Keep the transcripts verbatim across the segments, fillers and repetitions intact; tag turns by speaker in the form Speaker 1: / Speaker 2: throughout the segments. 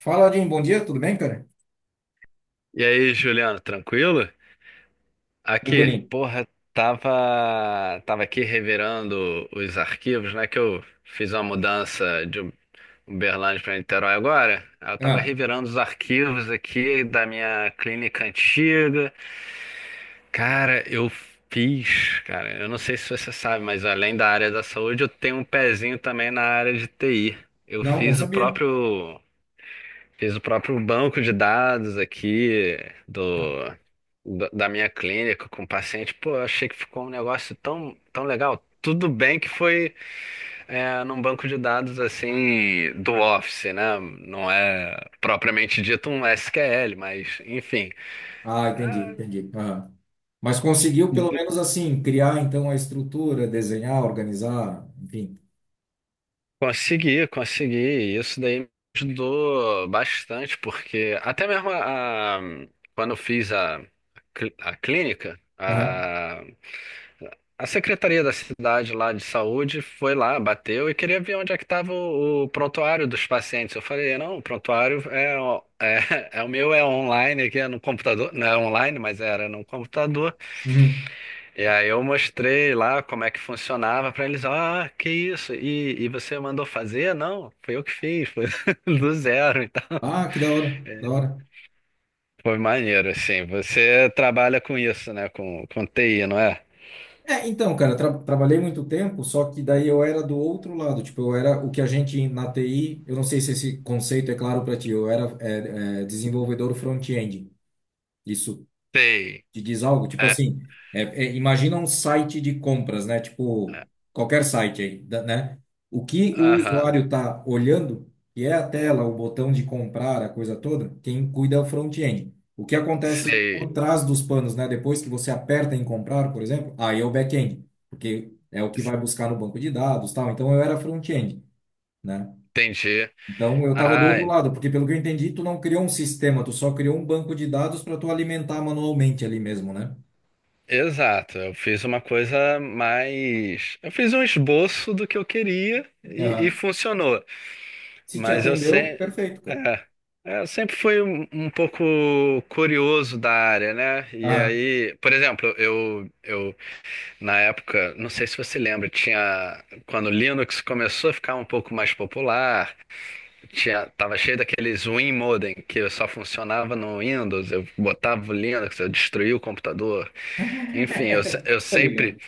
Speaker 1: Fala, Aldinho, bom dia, tudo bem, cara?
Speaker 2: E aí, Juliano, tranquilo? Aqui,
Speaker 1: Tranquilinho.
Speaker 2: porra, tava, tava aqui revirando os arquivos, né? Que eu fiz uma mudança de Uberlândia para Niterói agora. Aí eu tava
Speaker 1: Ah,
Speaker 2: revirando os arquivos aqui da minha clínica antiga. Cara, eu fiz, cara, eu não sei se você sabe, mas além da área da saúde, eu tenho um pezinho também na área de T I. Eu
Speaker 1: não, não
Speaker 2: fiz o
Speaker 1: sabia.
Speaker 2: próprio Fiz o próprio banco de dados aqui do, da da minha clínica com o paciente. Pô, eu achei que ficou um negócio tão, tão legal. Tudo bem que foi é, num banco de dados assim do Office, né? Não é propriamente dito um S Q L, mas enfim.
Speaker 1: Ah, entendi,
Speaker 2: Ah,
Speaker 1: entendi. Aham. Mas conseguiu, pelo menos assim, criar então a estrutura, desenhar, organizar, enfim.
Speaker 2: Consegui, consegui. Isso daí me ajudou bastante, porque até mesmo a, a- quando eu fiz a, cl- a clínica,
Speaker 1: Aham.
Speaker 2: a, a secretaria da cidade lá de saúde foi lá, bateu e queria ver onde é que estava o, o prontuário dos pacientes. Eu falei, não, o prontuário é, o- é, é o meu, é online aqui, é no computador. Não é online, mas era no computador.
Speaker 1: Uhum.
Speaker 2: E aí eu mostrei lá como é que funcionava pra eles, ah, que isso? E, e você mandou fazer? Não, foi eu que fiz, foi do zero, então.
Speaker 1: Ah, que da hora, da hora.
Speaker 2: Foi maneiro, assim. Você trabalha com isso, né? Com, com T I, não é?
Speaker 1: É, então, cara, tra trabalhei muito tempo, só que daí eu era do outro lado, tipo, eu era o que a gente na T I, eu não sei se esse conceito é claro para ti, eu era é, é, desenvolvedor front-end. Isso
Speaker 2: Sei.
Speaker 1: te diz algo? Tipo
Speaker 2: É,
Speaker 1: assim, é- é, imagina um site de compras, né? Tipo,
Speaker 2: é,
Speaker 1: qualquer site aí, da- né? O que o
Speaker 2: aham,
Speaker 1: usuário está olhando, que é a tela, o botão de comprar, a coisa toda, quem cuida é o front-end. O que acontece
Speaker 2: sei.
Speaker 1: por trás dos panos, né? Depois que você aperta em comprar, por exemplo, aí é o back-end, porque é o que vai buscar no banco de dados, tal. Então eu era front-end, né?
Speaker 2: Entendi.
Speaker 1: Então eu estava do outro
Speaker 2: Ah,
Speaker 1: lado, porque pelo que eu entendi, tu não criou um sistema, tu só criou um banco de dados para tu alimentar manualmente ali mesmo, né?
Speaker 2: exato. Eu fiz uma coisa mais. Eu fiz um esboço do que eu queria e, e
Speaker 1: Aham.
Speaker 2: funcionou.
Speaker 1: Se te
Speaker 2: Mas eu, se...
Speaker 1: atendeu, perfeito, cara.
Speaker 2: é, é, eu sempre fui um, um pouco curioso da área, né? E
Speaker 1: Aham.
Speaker 2: aí, por exemplo, eu, eu na época, não sei se você lembra, tinha quando o Linux começou a ficar um pouco mais popular, tinha, tava cheio daqueles WinModem que só funcionava no Windows, eu botava o Linux, eu destruía o computador. Enfim, eu, se- eu
Speaker 1: Tá
Speaker 2: sempre
Speaker 1: ligado?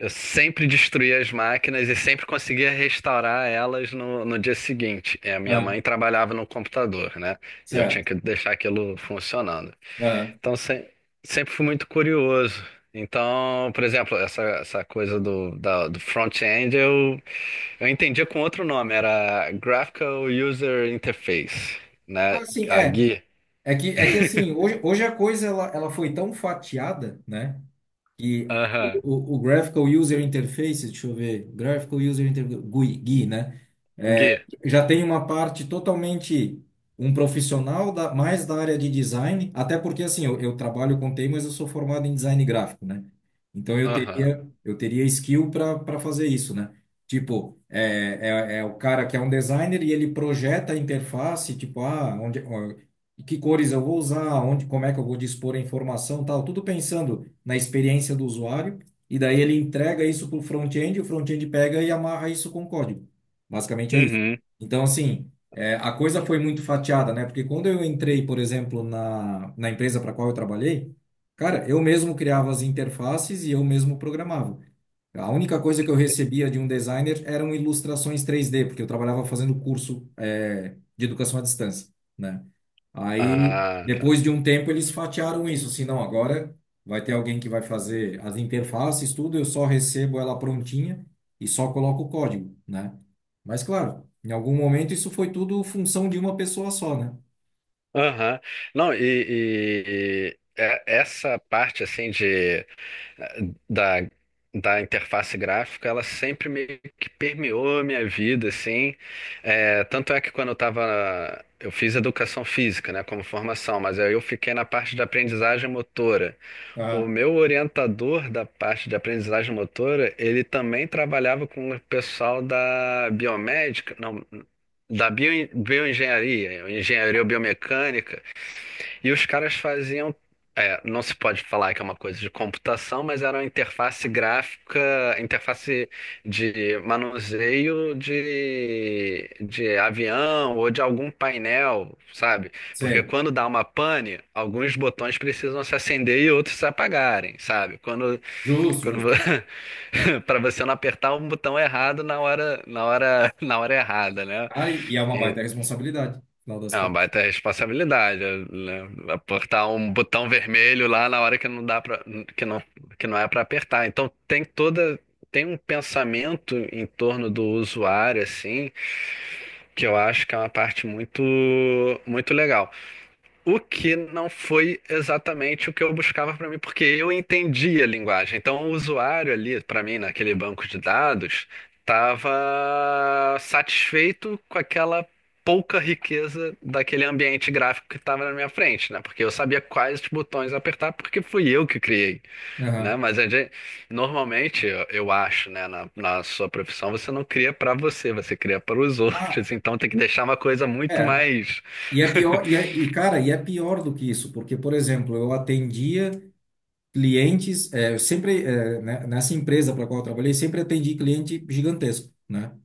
Speaker 2: eu sempre destruía as máquinas e sempre conseguia restaurar elas no, no dia seguinte. É a minha
Speaker 1: Aham.
Speaker 2: mãe trabalhava no computador, né? E eu tinha
Speaker 1: Certo.
Speaker 2: que deixar aquilo funcionando.
Speaker 1: Aham.
Speaker 2: Então, se- sempre fui muito curioso. Então, por exemplo, essa, essa coisa do, da- do front-end eu, eu entendia com outro nome, era Graphical User Interface, né?
Speaker 1: Ah, sim,
Speaker 2: A
Speaker 1: é.
Speaker 2: gui.
Speaker 1: É que, é que assim, hoje, hoje a coisa ela, ela foi tão fatiada, né? E
Speaker 2: Aham,
Speaker 1: o, o Graphical User Interface, deixa eu ver, Graphical User Interface, gui, gui, né? É,
Speaker 2: G U I.
Speaker 1: já tem uma parte totalmente um profissional da, mais da área de design, até porque assim, eu, eu trabalho com T I, mas eu sou formado em design gráfico, né? Então eu
Speaker 2: Aham.
Speaker 1: teria, eu teria skill para para fazer isso, né? Tipo, é, é, é o cara que é um designer e ele projeta a interface, tipo, ah, onde, e que cores eu vou usar, onde, como é que eu vou dispor a informação, tal, tudo pensando na experiência do usuário, e daí ele entrega isso para o front-end, o front-end pega e amarra isso com código. Basicamente é isso.
Speaker 2: Uhum.
Speaker 1: Então, assim, é, a coisa foi muito fatiada, né? Porque quando eu entrei, por exemplo, na, na empresa para qual eu trabalhei, cara, eu mesmo criava as interfaces e eu mesmo programava. A única coisa que eu recebia de um designer eram ilustrações três D, porque eu trabalhava fazendo curso, é, de educação à distância, né? Aí,
Speaker 2: Ah, tá.
Speaker 1: depois de um tempo, eles fatiaram isso, assim, não, agora vai ter alguém que vai fazer as interfaces, tudo, eu só recebo ela prontinha e só coloco o código, né? Mas, claro, em algum momento isso foi tudo função de uma pessoa só, né?
Speaker 2: Aham. Não, e, e- é- Essa parte assim de da, da interface gráfica, ela sempre meio que permeou a minha vida, assim. É, tanto é que quando eu tava, eu fiz educação física, né, como formação, mas aí eu fiquei na parte de aprendizagem motora. O
Speaker 1: Ah,
Speaker 2: meu orientador da parte de aprendizagem motora, ele também trabalhava com o pessoal da biomédica, não, da bio, bioengenharia, engenharia biomecânica. E os caras faziam. É, não se pode falar que é uma coisa de computação, mas era uma interface gráfica, interface de manuseio de, de avião ou de algum painel, sabe? Porque
Speaker 1: sei.
Speaker 2: quando dá uma pane, alguns botões precisam se acender e outros se apagarem, sabe? Quando,
Speaker 1: Justo,
Speaker 2: quando
Speaker 1: justo.
Speaker 2: para você não apertar um botão errado na hora, na hora, na hora errada, né?
Speaker 1: Cara, e e é uma baita responsabilidade, afinal das
Speaker 2: É uma
Speaker 1: contas.
Speaker 2: baita responsabilidade, né? Apertar um botão vermelho lá na hora que não dá para que não que não é para apertar. Então tem toda tem um pensamento em torno do usuário assim, que eu acho que é uma parte muito muito legal. O que não foi exatamente o que eu buscava para mim, porque eu entendi a linguagem. Então, o usuário ali, para mim, naquele banco de dados, estava satisfeito com aquela pouca riqueza daquele ambiente gráfico que estava na minha frente, né? Porque eu sabia quais botões apertar, porque fui eu que criei, né?
Speaker 1: Aham.
Speaker 2: Mas a gente, normalmente, eu eu acho, né, na, na sua profissão, você não cria para você, você cria para os
Speaker 1: Ah,
Speaker 2: outros. Então, tem que deixar uma coisa muito
Speaker 1: é.
Speaker 2: mais.
Speaker 1: E é pior, e, é, e cara, e é pior do que isso, porque, por exemplo, eu atendia clientes, é, eu sempre, é, né, nessa empresa para qual eu trabalhei, sempre atendi cliente gigantesco, né?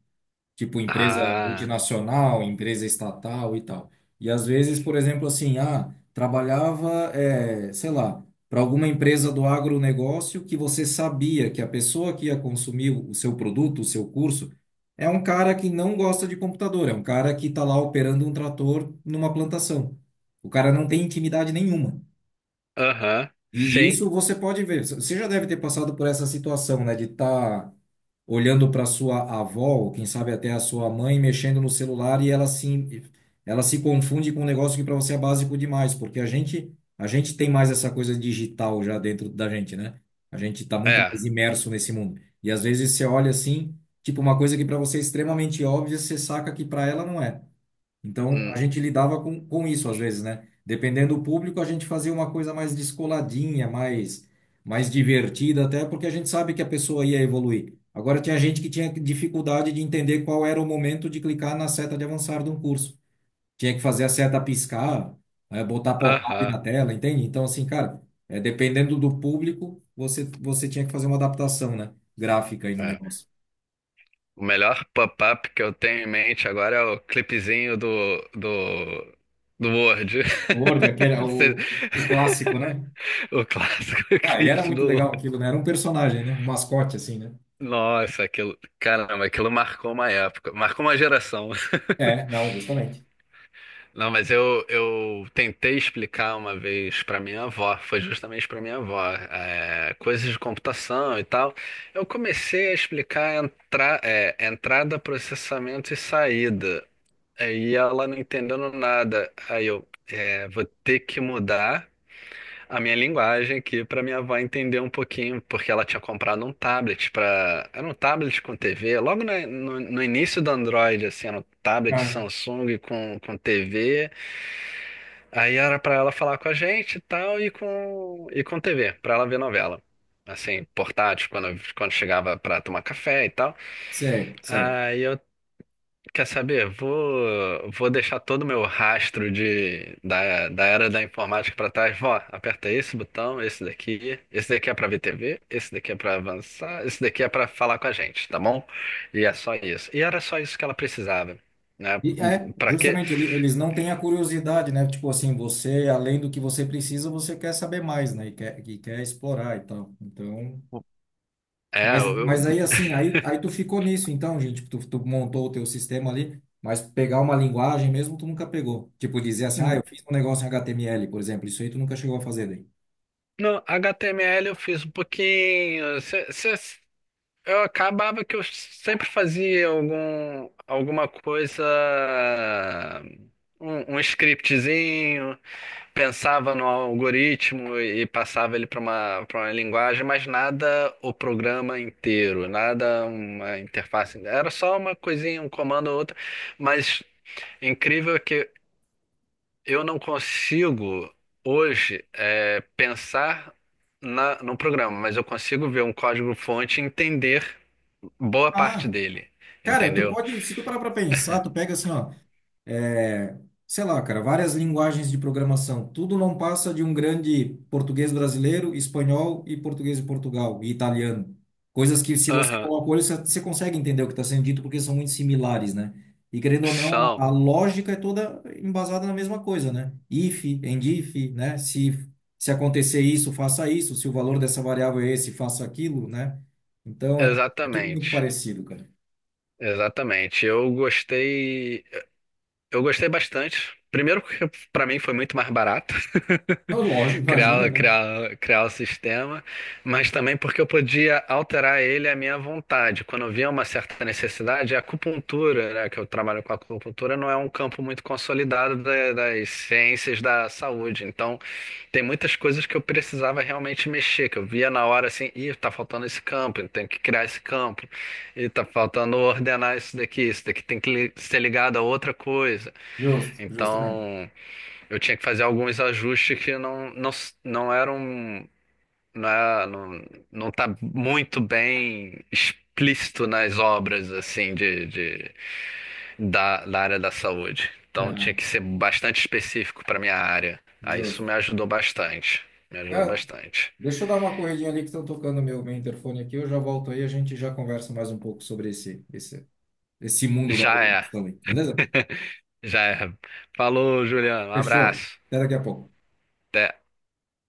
Speaker 1: Tipo empresa
Speaker 2: Ah.
Speaker 1: multinacional, empresa estatal e tal. E às vezes, por exemplo, assim, ah, trabalhava, é, sei lá, para alguma empresa do agronegócio que você sabia que a pessoa que ia consumir o seu produto, o seu curso, é um cara que não gosta de computador, é um cara que está lá operando um trator numa plantação. O cara não tem intimidade nenhuma.
Speaker 2: Aham,
Speaker 1: E
Speaker 2: sim,
Speaker 1: isso você pode ver. Você já deve ter passado por essa situação, né? De estar olhando para sua avó, ou quem sabe até a sua mãe, mexendo no celular e ela se, ela se confunde com um negócio que para você é básico demais, porque a gente, a gente tem mais essa coisa digital já dentro da gente, né? A gente está muito
Speaker 2: é.
Speaker 1: mais imerso nesse mundo. E às vezes você olha assim, tipo uma coisa que para você é extremamente óbvia, você saca que para ela não é. Então, a
Speaker 2: Hum,
Speaker 1: gente lidava com, com isso às vezes, né? Dependendo do público, a gente fazia uma coisa mais descoladinha, mais, mais divertida, até porque a gente sabe que a pessoa ia evoluir. Agora, tinha gente que tinha dificuldade de entender qual era o momento de clicar na seta de avançar de um curso. Tinha que fazer a seta piscar, eh, botar pop-up
Speaker 2: Aham,
Speaker 1: na tela, entende? Então, assim, cara, é, dependendo do público, você, você tinha que fazer uma adaptação, né? Gráfica aí no
Speaker 2: é.
Speaker 1: negócio.
Speaker 2: O melhor pop-up que eu tenho em mente agora é o clipezinho do, do, do Word.
Speaker 1: Word, aquele,
Speaker 2: Cê-
Speaker 1: o, o clássico, né?
Speaker 2: O clássico
Speaker 1: Ah, e era
Speaker 2: clipe
Speaker 1: muito
Speaker 2: do.
Speaker 1: legal aquilo, né? Era um personagem, né? Um mascote, assim, né?
Speaker 2: Nossa, aquilo. Caramba, aquilo marcou uma época, marcou uma geração.
Speaker 1: É, não, justamente.
Speaker 2: Não, mas eu, eu tentei explicar uma vez pra minha avó, foi justamente pra minha avó, é, coisas de computação e tal. Eu comecei a explicar entra, é, entrada, processamento e saída. Aí ela não entendendo nada. Aí eu é, vou ter que mudar a minha linguagem aqui para minha avó entender um pouquinho, porque ela tinha comprado um tablet para, era um tablet com T V, logo na- no, no início do Android, assim, era um tablet
Speaker 1: Ah,
Speaker 2: Samsung com, com T V. Aí era para ela falar com a gente e tal e com e com T V, para ela ver novela. Assim, portátil, quando, quando chegava para tomar café e tal.
Speaker 1: sei, sei.
Speaker 2: Aí eu quer saber? Vou, vou deixar todo o meu rastro de, da, da era da informática para trás. Vó, aperta esse botão, esse daqui, esse daqui é para ver T V, esse daqui é para avançar, esse daqui é para falar com a gente, tá bom? E é só isso. E era só isso que ela precisava, né?
Speaker 1: E é,
Speaker 2: Para quê?
Speaker 1: justamente, ele- eles não têm a curiosidade, né? Tipo assim, você, além do que você precisa, você quer saber mais, né? E quer, e quer explorar e tal. Então,
Speaker 2: É,
Speaker 1: mas,
Speaker 2: eu,
Speaker 1: mas
Speaker 2: eu-
Speaker 1: aí assim, aí, aí tu ficou nisso, então, gente, tu, tu montou o teu sistema ali, mas pegar uma linguagem mesmo, tu nunca pegou. Tipo, dizer assim, ah, eu fiz um negócio em H T M L, por exemplo, isso aí tu nunca chegou a fazer daí.
Speaker 2: no H T M L eu fiz um pouquinho. Eu acabava que eu sempre fazia algum, alguma coisa, um, um scriptzinho, pensava no algoritmo e passava ele para uma, para uma linguagem, mas nada o programa inteiro, nada uma interface. Era só uma coisinha, um comando ou outro, mas incrível que eu não consigo hoje é, pensar na, no programa, mas eu consigo ver um código-fonte e entender boa parte
Speaker 1: Ah,
Speaker 2: dele,
Speaker 1: cara, tu
Speaker 2: entendeu?
Speaker 1: pode, se tu parar pra pensar, tu pega assim, ó. É, sei lá, cara, várias linguagens de programação. Tudo não passa de um grande português brasileiro, espanhol e português de Portugal e italiano. Coisas que, se você
Speaker 2: Aham,
Speaker 1: coloca o olho, você você consegue entender o que está sendo dito, porque são muito similares, né? E querendo ou não, a
Speaker 2: são,
Speaker 1: a lógica é toda embasada na mesma coisa, né? If, and if, né? Se, se acontecer isso, faça isso. Se o valor dessa variável é esse, faça aquilo, né? Então, é, tu- é tudo muito
Speaker 2: exatamente,
Speaker 1: parecido, cara.
Speaker 2: exatamente. Eu gostei. Eu gostei bastante. Primeiro porque para mim foi muito mais barato
Speaker 1: Ah, lógico, imagina,
Speaker 2: criar,
Speaker 1: né?
Speaker 2: criar, criar o sistema, mas também porque eu podia alterar ele à minha vontade. Quando eu via uma certa necessidade, a acupuntura, né, que eu trabalho com acupuntura, não é um campo muito consolidado da- das ciências da saúde. Então, tem muitas coisas que eu precisava realmente mexer, que eu via na hora assim, ih, tá faltando esse campo, eu tenho que criar esse campo, e tá faltando ordenar isso daqui, isso daqui tem que li- ser ligado a outra coisa.
Speaker 1: Justo, justamente.
Speaker 2: Então, eu tinha que fazer alguns ajustes que não, não, s- não eram, não, é- não, não tá muito bem explícito nas obras, assim, de, de- da, da área da saúde. Então, tinha
Speaker 1: É.
Speaker 2: que ser bastante específico para minha área. Aí, isso
Speaker 1: Justo.
Speaker 2: me ajudou bastante. Me ajudou
Speaker 1: Cara,
Speaker 2: bastante.
Speaker 1: deixa eu dar uma corridinha ali que estão tocando meu, meu interfone aqui. Eu já volto aí, a gente já conversa mais um pouco sobre esse, esse, esse mundo da
Speaker 2: Já é,
Speaker 1: programação aí, beleza?
Speaker 2: já é. Falou, Juliano. Um
Speaker 1: Fechou?
Speaker 2: abraço.
Speaker 1: Até daqui a pouco.
Speaker 2: Até.